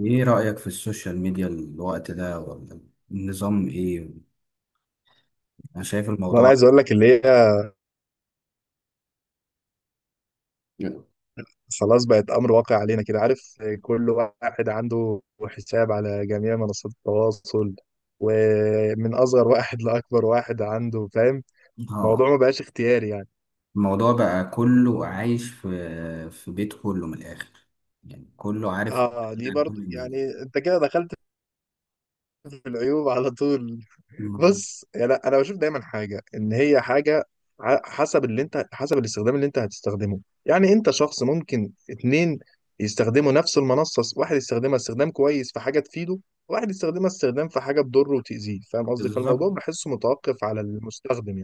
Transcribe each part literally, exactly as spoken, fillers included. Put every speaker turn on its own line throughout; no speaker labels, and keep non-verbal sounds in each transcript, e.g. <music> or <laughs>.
ايه رأيك في السوشيال ميديا الوقت ده، ولا النظام ايه؟ انا شايف
وانا
الموضوع.
عايز اقول لك اللي هي خلاص بقت امر واقع علينا، كده عارف؟ كل واحد عنده حساب على جميع منصات التواصل، ومن اصغر واحد لاكبر واحد عنده، فاهم؟ الموضوع
اه.
ما بقاش اختياري يعني.
الموضوع بقى كله عايش في في بيت، كله من الاخر، يعني كله عارف
اه ليه
عن كل
برضه يعني؟
الناس.
انت كده دخلت في العيوب على طول.
مم.
بص يعني انا بشوف دايما حاجه ان هي حاجه ع- حسب اللي انت، حسب الاستخدام اللي انت هتستخدمه. يعني انت شخص، ممكن اتنين يستخدموا نفس المنصه، واحد يستخدمها استخدام كويس في حاجه تفيده، وواحد يستخدمها استخدام في حاجه تضره وتاذيه. فاهم قصدي؟ فالموضوع
بالظبط.
بحسه متوقف على المستخدم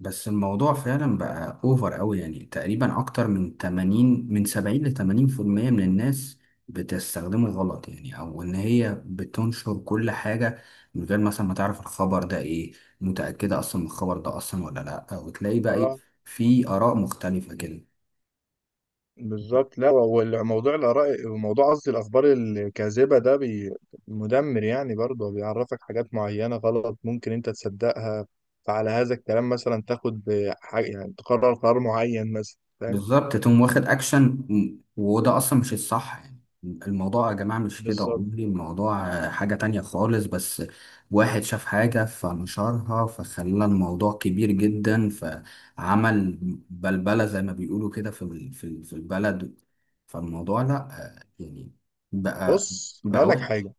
بس الموضوع فعلا بقى اوفر قوي، يعني تقريبا اكتر من ثمانين، من سبعين ل ثمانين بالمية، من الناس بتستخدمه غلط، يعني او ان هي بتنشر كل حاجة من غير مثلا ما تعرف الخبر ده ايه، متأكدة اصلا من الخبر ده اصلا ولا لا، وتلاقي بقى ايه،
يعني.
في اراء مختلفة كده.
بالظبط، لا، والموضوع الآراء وموضوع، قصدي الأخبار الكاذبة ده بي مدمر يعني. برضه بيعرفك حاجات معينة غلط ممكن أنت تصدقها، فعلى هذا الكلام مثلا تاخد حاجة يعني، تقرر قرار معين مثلا، فاهم؟
بالظبط، تقوم واخد اكشن. م- وده اصلا مش الصح يعني، الموضوع يا جماعه مش كده،
بالظبط.
والله الموضوع آه، حاجه تانية خالص. بس واحد شاف حاجه فنشرها، فخلى الموضوع كبير جدا، فعمل بلبله زي ما بيقولوا كده في ال- في ال- في البلد. فالموضوع لا، آه، يعني بقى
بص أنا
بقى
أقول لك
وحش.
حاجة،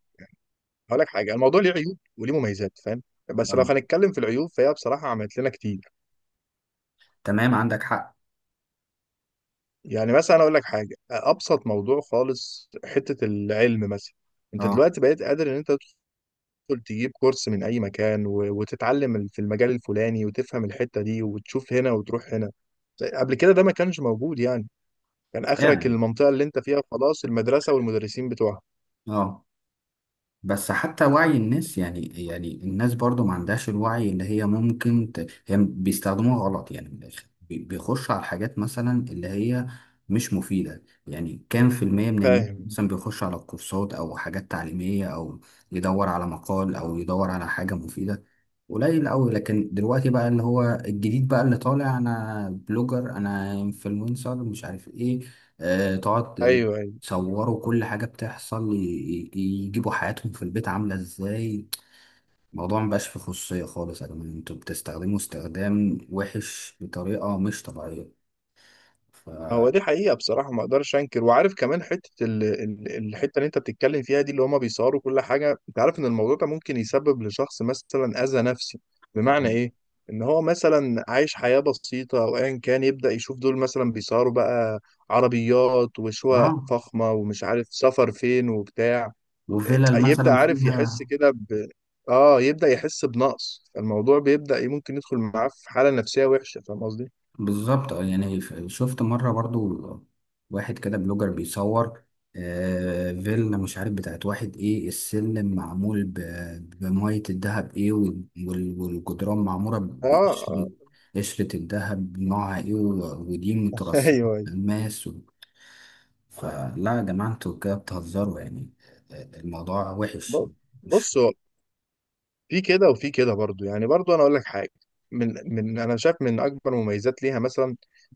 أقول لك حاجة، الموضوع ليه عيوب وليه مميزات، فاهم؟ بس لو
آه،
هنتكلم في العيوب فهي بصراحة عملت لنا كتير.
تمام، عندك حق.
يعني مثلا أقول لك حاجة، أبسط موضوع خالص، حتة العلم مثلا. أنت
اه،
دلوقتي بقيت قادر إن أنت تدخل تجيب كورس من أي مكان و- وتتعلم ال- في المجال الفلاني، وتفهم الحتة دي، وتشوف هنا وتروح هنا. قبل كده ده ما كانش موجود يعني. كان آخرك
فعلا.
المنطقة اللي أنت فيها خلاص، المدرسة والمدرسين بتوعها،
اه. بس حتى وعي الناس يعني يعني الناس برضو ما عندهاش الوعي اللي هي ممكن ت... هي بيستخدموها غلط، يعني من الآخر بي- بيخش على الحاجات مثلا اللي هي مش مفيدة. يعني كام في المية من الناس
فاهم؟
مثلا بيخش على الكورسات أو حاجات تعليمية، أو يدور على مقال أو يدور على حاجة مفيدة؟ قليل أوي. لكن دلوقتي بقى اللي هو الجديد بقى اللي طالع، أنا بلوجر، أنا انفلونسر، مش عارف إيه، آه، تقعد
أيوه أيوه.
صوروا كل حاجة بتحصل، ي- ي- يجيبوا حياتهم في البيت عاملة ازاي. الموضوع مبقاش فيه خصوصية خالص، يا جماعة انتوا بتستخدموا استخدام وحش بطريقة مش طبيعية. ف
هو دي حقيقة بصراحة، ما اقدرش انكر، وعارف كمان حتة ال... ال- الحتة اللي انت بتتكلم فيها دي، اللي هما بيصوروا كل حاجة. انت عارف ان الموضوع ده ممكن يسبب لشخص مثلا اذى نفسي.
طب.
بمعنى ايه؟ ان هو مثلا عايش حياة بسيطة او ايا كان، يبدأ يشوف دول مثلا بيصوروا بقى عربيات وشقق
اه.
فخمة ومش عارف سفر فين وبتاع.
وفيلل
يبدأ
مثلا
عارف
فيها.
يحس كده ب... اه، يبدأ يحس بنقص. الموضوع بيبدأ إيه، ممكن يدخل معاه في حالة نفسية وحشة، فاهم قصدي؟
بالظبط. اه يعني، ف- شفت مرة برضو واحد كده بلوجر بيصور آه فيلا، مش عارف بتاعت واحد ايه، السلم معمول ب- بمية الدهب ايه، وال- وال- والجدران معمورة
اه اه.
بقشرة قشرة الدهب نوعها ايه، و- ودي
<laughs>
مترصقة
ايوه.
في الماس و... فلا يا جماعة انتوا كده بتهزروا يعني. آه، الموضوع وحش.
ب-
مش
بص هو في كده وفي كده برضو يعني. برضو انا اقول لك حاجه، من من انا شايف من اكبر مميزات ليها مثلا،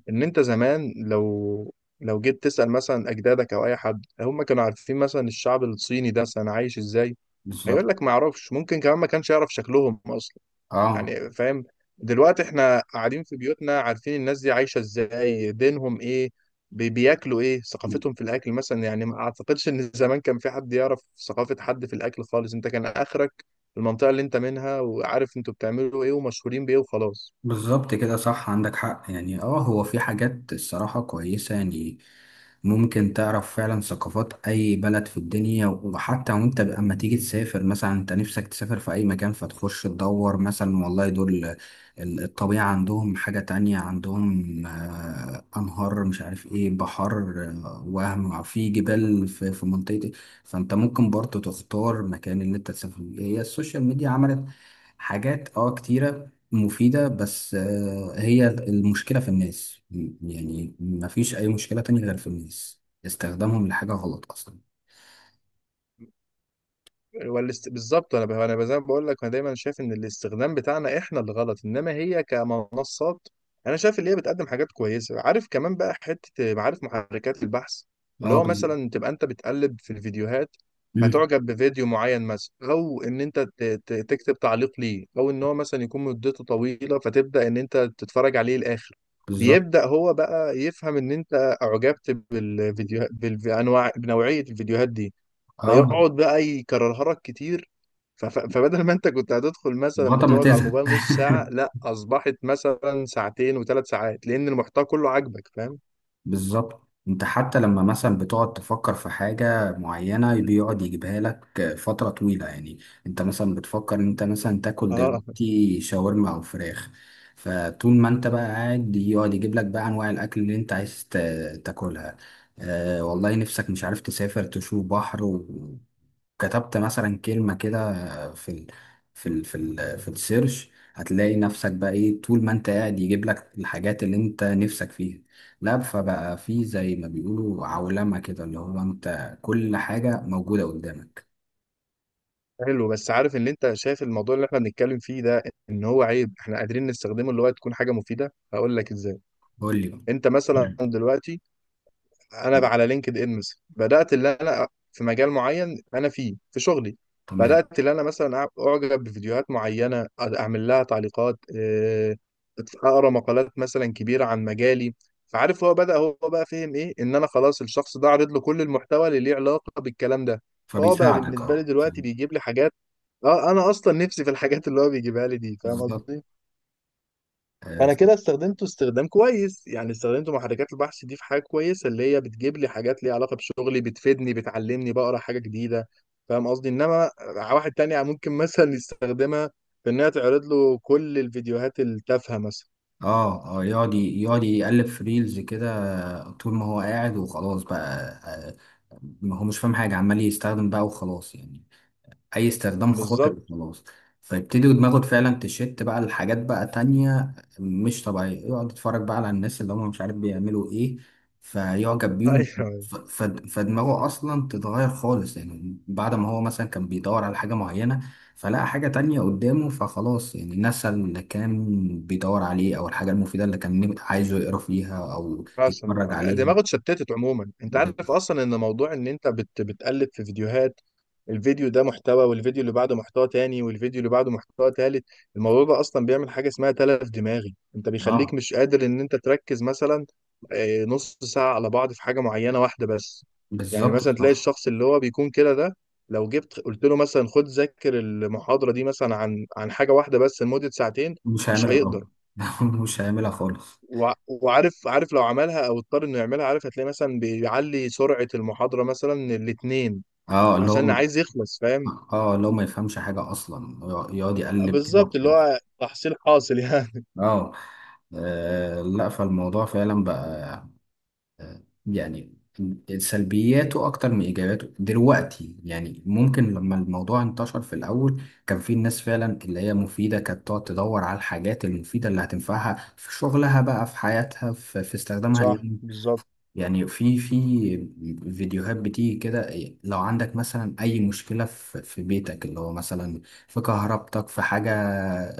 ان انت زمان لو لو جيت تسال مثلا اجدادك او اي حد، هم كانوا عارفين مثلا الشعب الصيني ده مثلا عايش ازاي؟ هيقول
بالظبط.
لك ما يعرفش، ممكن كمان ما كانش يعرف شكلهم اصلا
اه،
يعني، فاهم؟ دلوقتي احنا قاعدين في بيوتنا عارفين الناس دي عايشة ازاي، دينهم ايه، بي- بياكلوا ايه، ثقافتهم في الاكل مثلا. يعني ما اعتقدش ان زمان كان في حد يعرف ثقافة حد في الاكل خالص. انت كان اخرك المنطقة اللي انت منها، وعارف انتوا بتعملوا ايه ومشهورين بايه وخلاص.
بالظبط كده صح، عندك حق يعني. اه هو في حاجات الصراحة كويسة يعني، ممكن تعرف فعلا ثقافات أي بلد في الدنيا. وحتى وانت لما تيجي تسافر، مثلا انت نفسك تسافر في أي مكان، فتخش تدور مثلا، والله دول ال- الطبيعة عندهم حاجة تانية، عندهم آه، أنهار، مش عارف ايه، بحر، آه، وهم في جبال في في منطقتي. فانت ممكن برضه تختار مكان اللي انت تسافر فيه. هي السوشيال ميديا عملت حاجات اه كتيرة مفيدة، بس آه، هي المشكلة في الناس. م- يعني مفيش أي مشكلة تانية غير في الناس، استخدامهم لحاجة غلط أصلا.
والاست... بالظبط. انا انا زي ما بقول لك، انا دايما شايف ان الاستخدام بتاعنا احنا اللي غلط، انما هي كمنصات انا شايف ان هي بتقدم حاجات كويسه. عارف كمان بقى حته معارف محركات البحث، اللي
اه.
هو
بز...
مثلا تبقى انت بتقلب في الفيديوهات،
مم.
فتعجب بفيديو معين مثلا، او ان انت ت... ت... تكتب تعليق ليه، او ان هو مثلا يكون مدته طويله فتبدا ان انت تتفرج عليه الاخر.
بالظبط.
بيبدا هو بقى يفهم ان انت اعجبت بالفيديو، بالانواع، بنوعيه الفيديوهات دي،
اه.
فيقعد بقى يكررها لك كتير. ف- ف- فبدل ما انت كنت هتدخل مثلا
لغاية ما
بتقعد على
تزهق.
الموبايل نص ساعة،
<laughs>
لا اصبحت مثلا ساعتين وثلاث ساعات، لان المحتوى كله عاجبك، فاهم؟
بالظبط. انت حتى لما مثلا بتقعد تفكر في حاجة معينة بيقعد يجيبها لك فترة طويلة، يعني انت مثلا بتفكر ان انت مثلا تاكل
اه.
دلوقتي شاورما او فراخ، فطول ما انت بقى قاعد يقعد يجيب لك بقى انواع الاكل اللي انت عايز تا- تاكلها. اه والله نفسك مش عارف تسافر تشوف بحر و- كتبت مثلا كلمة كده في ال في ال في ال في السيرش، هتلاقي نفسك بقى ايه، طول ما انت قاعد يجيب لك الحاجات اللي انت نفسك فيها. لا فبقى في زي ما بيقولوا عولمة كده، اللي هو انت كل حاجة موجودة قدامك.
حلو، بس عارف ان انت شايف الموضوع اللي احنا بنتكلم فيه ده ان هو عيب، احنا قادرين نستخدمه اللي هو تكون حاجة مفيدة. هقول لك ازاي.
قول لي بقى.
انت مثلا دلوقتي، انا بقى على لينكد ان مثلا، بدات اللي انا في مجال معين انا فيه في شغلي،
تمام.
بدات اللي انا مثلا أع- اعجب بفيديوهات معينه، اعمل لها تعليقات، آه، اقرا مقالات مثلا كبيره عن مجالي. فعارف هو بدا، هو بقى فهم ايه، ان انا خلاص الشخص ده عرض له كل المحتوى اللي ليه علاقه بالكلام ده. فهو بقى
فبيساعدك.
بالنسبه لي
اه.
دلوقتي بيجيب لي حاجات اه انا اصلا نفسي في الحاجات اللي هو بيجيبها لي دي، فاهم
بالظبط.
قصدي؟
اه.
فانا كده استخدمته استخدام كويس يعني، استخدمت محركات البحث دي في حاجه كويسه، اللي هي بتجيب لي حاجات ليها علاقه بشغلي، بتفيدني، بتعلمني، بقرا حاجه جديده، فاهم قصدي؟ انما واحد تاني ممكن مثلا يستخدمها في انها تعرض له كل الفيديوهات التافهه مثلا.
اه. آه، يقعد يقعد يقلب في ريلز كده طول ما هو قاعد وخلاص بقى. آه، ما هو مش فاهم حاجة، عمال يستخدم بقى وخلاص يعني، اي استخدام خاطئ
بالظبط.
وخلاص. فيبتدي دماغه فعلا تشت بقى لحاجات بقى تانية مش طبيعية، يقعد يتفرج بقى على الناس اللي هم مش عارف بيعملوا ايه، فيعجب
<laughs>
بيهم.
ايوه.
ف- ف- فدماغه اصلا تتغير خالص، يعني بعد ما هو مثلا كان بيدور على حاجة معينة فلقى حاجة تانية قدامه، فخلاص يعني نسى اللي كان بيدور عليه، او الحاجة المفيدة اللي كان عايزه يقرا فيها او يتفرج
اصلا
عليها.
دماغه اتشتتت عموما. انت
ب-
عارف اصلا ان موضوع ان انت بت... بتقلب في فيديوهات، الفيديو ده محتوى، والفيديو اللي بعده محتوى تاني، والفيديو اللي بعده محتوى تالت، الموضوع ده اصلا بيعمل حاجه اسمها تلف دماغي. انت بيخليك
اه،
مش قادر ان انت تركز مثلا آه، نص ساعه على بعض في حاجه معينه واحده بس. يعني
بالظبط
مثلا تلاقي
صح.
الشخص اللي هو بيكون كده ده، لو جبت قلت له مثلا خد ذاكر المحاضره دي مثلا عن عن حاجه واحده بس لمده ساعتين،
مش
مش
هيعملها
هيقدر.
طبعا. <laughs> مش هيعملها خالص.
وع- وعارف عارف لو عملها او اضطر انه يعملها، عارف هتلاقي مثلا بيعلي سرعة المحاضرة مثلا الاتنين،
اه اللي هو
عشان
م-
عايز يخلص، فاهم؟
اه اللي هو ما يفهمش حاجة أصلا، يقعد يقلب كده
بالظبط، اللي
وخلاص.
هو تحصيل حاصل يعني. <laughs>
اه. آه، لا، فالموضوع فعلا بقى آه، يعني سلبياته أكتر من إيجاباته دلوقتي. يعني ممكن لما الموضوع انتشر في الأول كان في الناس فعلا اللي هي مفيدة، كانت تقعد تدور على الحاجات المفيدة اللي هتنفعها في شغلها بقى، في حياتها، في, في استخدامها.
صح، بالظبط.
يعني في في فيديوهات بتيجي كده، إيه، لو عندك مثلا أي مشكلة في في بيتك اللي هو مثلا في كهربتك، في حاجة،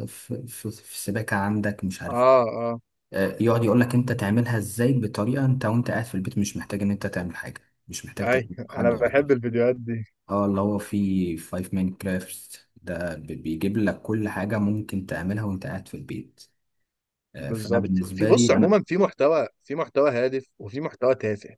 في, في, في سباكة عندك، مش عارف،
اه اه،
آه، يقعد يقولك أنت تعملها إزاي بطريقة، أنت وأنت قاعد في البيت مش محتاج إن أنت تعمل حاجة، مش محتاج
اي
تكلم
انا
حد ولا
بحب
تجيب.
الفيديوهات دي.
اه اللي هو في فايف ماين كرافت ده بي- بيجيب لك كل حاجة ممكن تعملها وأنت قاعد في البيت. آه، فأنا
بالظبط. في،
بالنسبة لي
بص
أنا.
عموما في محتوى، في محتوى هادف وفي محتوى تافه،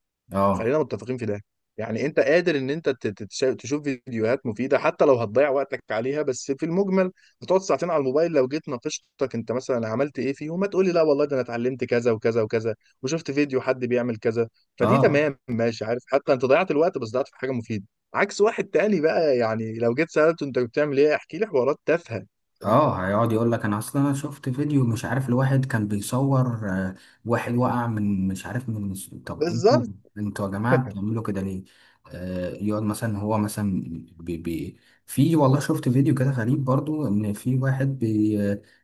خلينا
اه.
متفقين في ده. يعني انت قادر ان انت ت- ت- تش- تشوف فيديوهات مفيده حتى لو هتضيع وقتك عليها، بس في المجمل بتقعد ساعتين على الموبايل، لو جيت ناقشتك انت مثلا عملت ايه فيه، وما تقولي لا والله ده انا اتعلمت كذا وكذا وكذا، وشفت فيديو حد بيعمل كذا، فدي
اه.
تمام ماشي، عارف، حتى انت ضيعت الوقت بس ضيعت في حاجه مفيده. عكس واحد تاني بقى، يعني لو جيت سالته انت بتعمل ايه، احكي لي حوارات تافهه، فاهم؟
اه. هيقعد يقول لك، انا اصلا انا شفت فيديو مش عارف لواحد كان بيصور، آه، واحد وقع من، مش عارف من. طب انتوا
بالظبط.
انتوا يا جماعه
<laughs>
بتعملوا كده ليه؟ آه يقعد مثلا هو مثلا بي بي في والله شفت فيديو كده غريب برضو، ان في واحد بي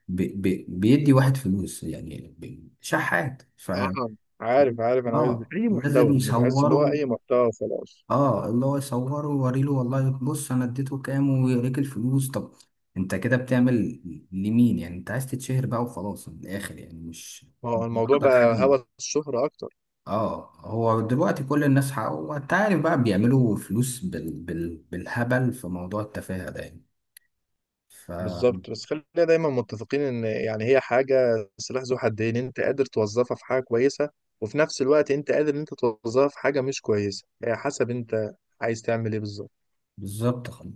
بي بي بيدي واحد فلوس، يعني بي- شحات. ف
آه، عارف عارف، انا بقيت-
اه
اي
لازم
محتوى، انا بحس اللي هو
يصوروا.
اي محتوى خلاص.
اه اللي هو يصوره ويوريله، والله بص انا اديته كام، ويوريك الفلوس. طب انت كده بتعمل لمين؟ يعني انت عايز تتشهر بقى وخلاص من الاخر، يعني مش
ما هو
مش
الموضوع
غرضك حاجه
بقى
من-
هوس الشهرة أكتر.
اه هو دلوقتي كل الناس حق، وانت عارف بقى بيعملوا فلوس بال... بال... بالهبل في موضوع التفاهه ده يعني. ف
بالظبط، بس خلينا دايما متفقين إن يعني هي حاجة، سلاح ذو حدين، أنت قادر توظفها في حاجة كويسة، وفي نفس الوقت أنت قادر إن أنت توظفها في حاجة مش كويسة، هي حسب أنت عايز تعمل إيه بالظبط.
بالظبط.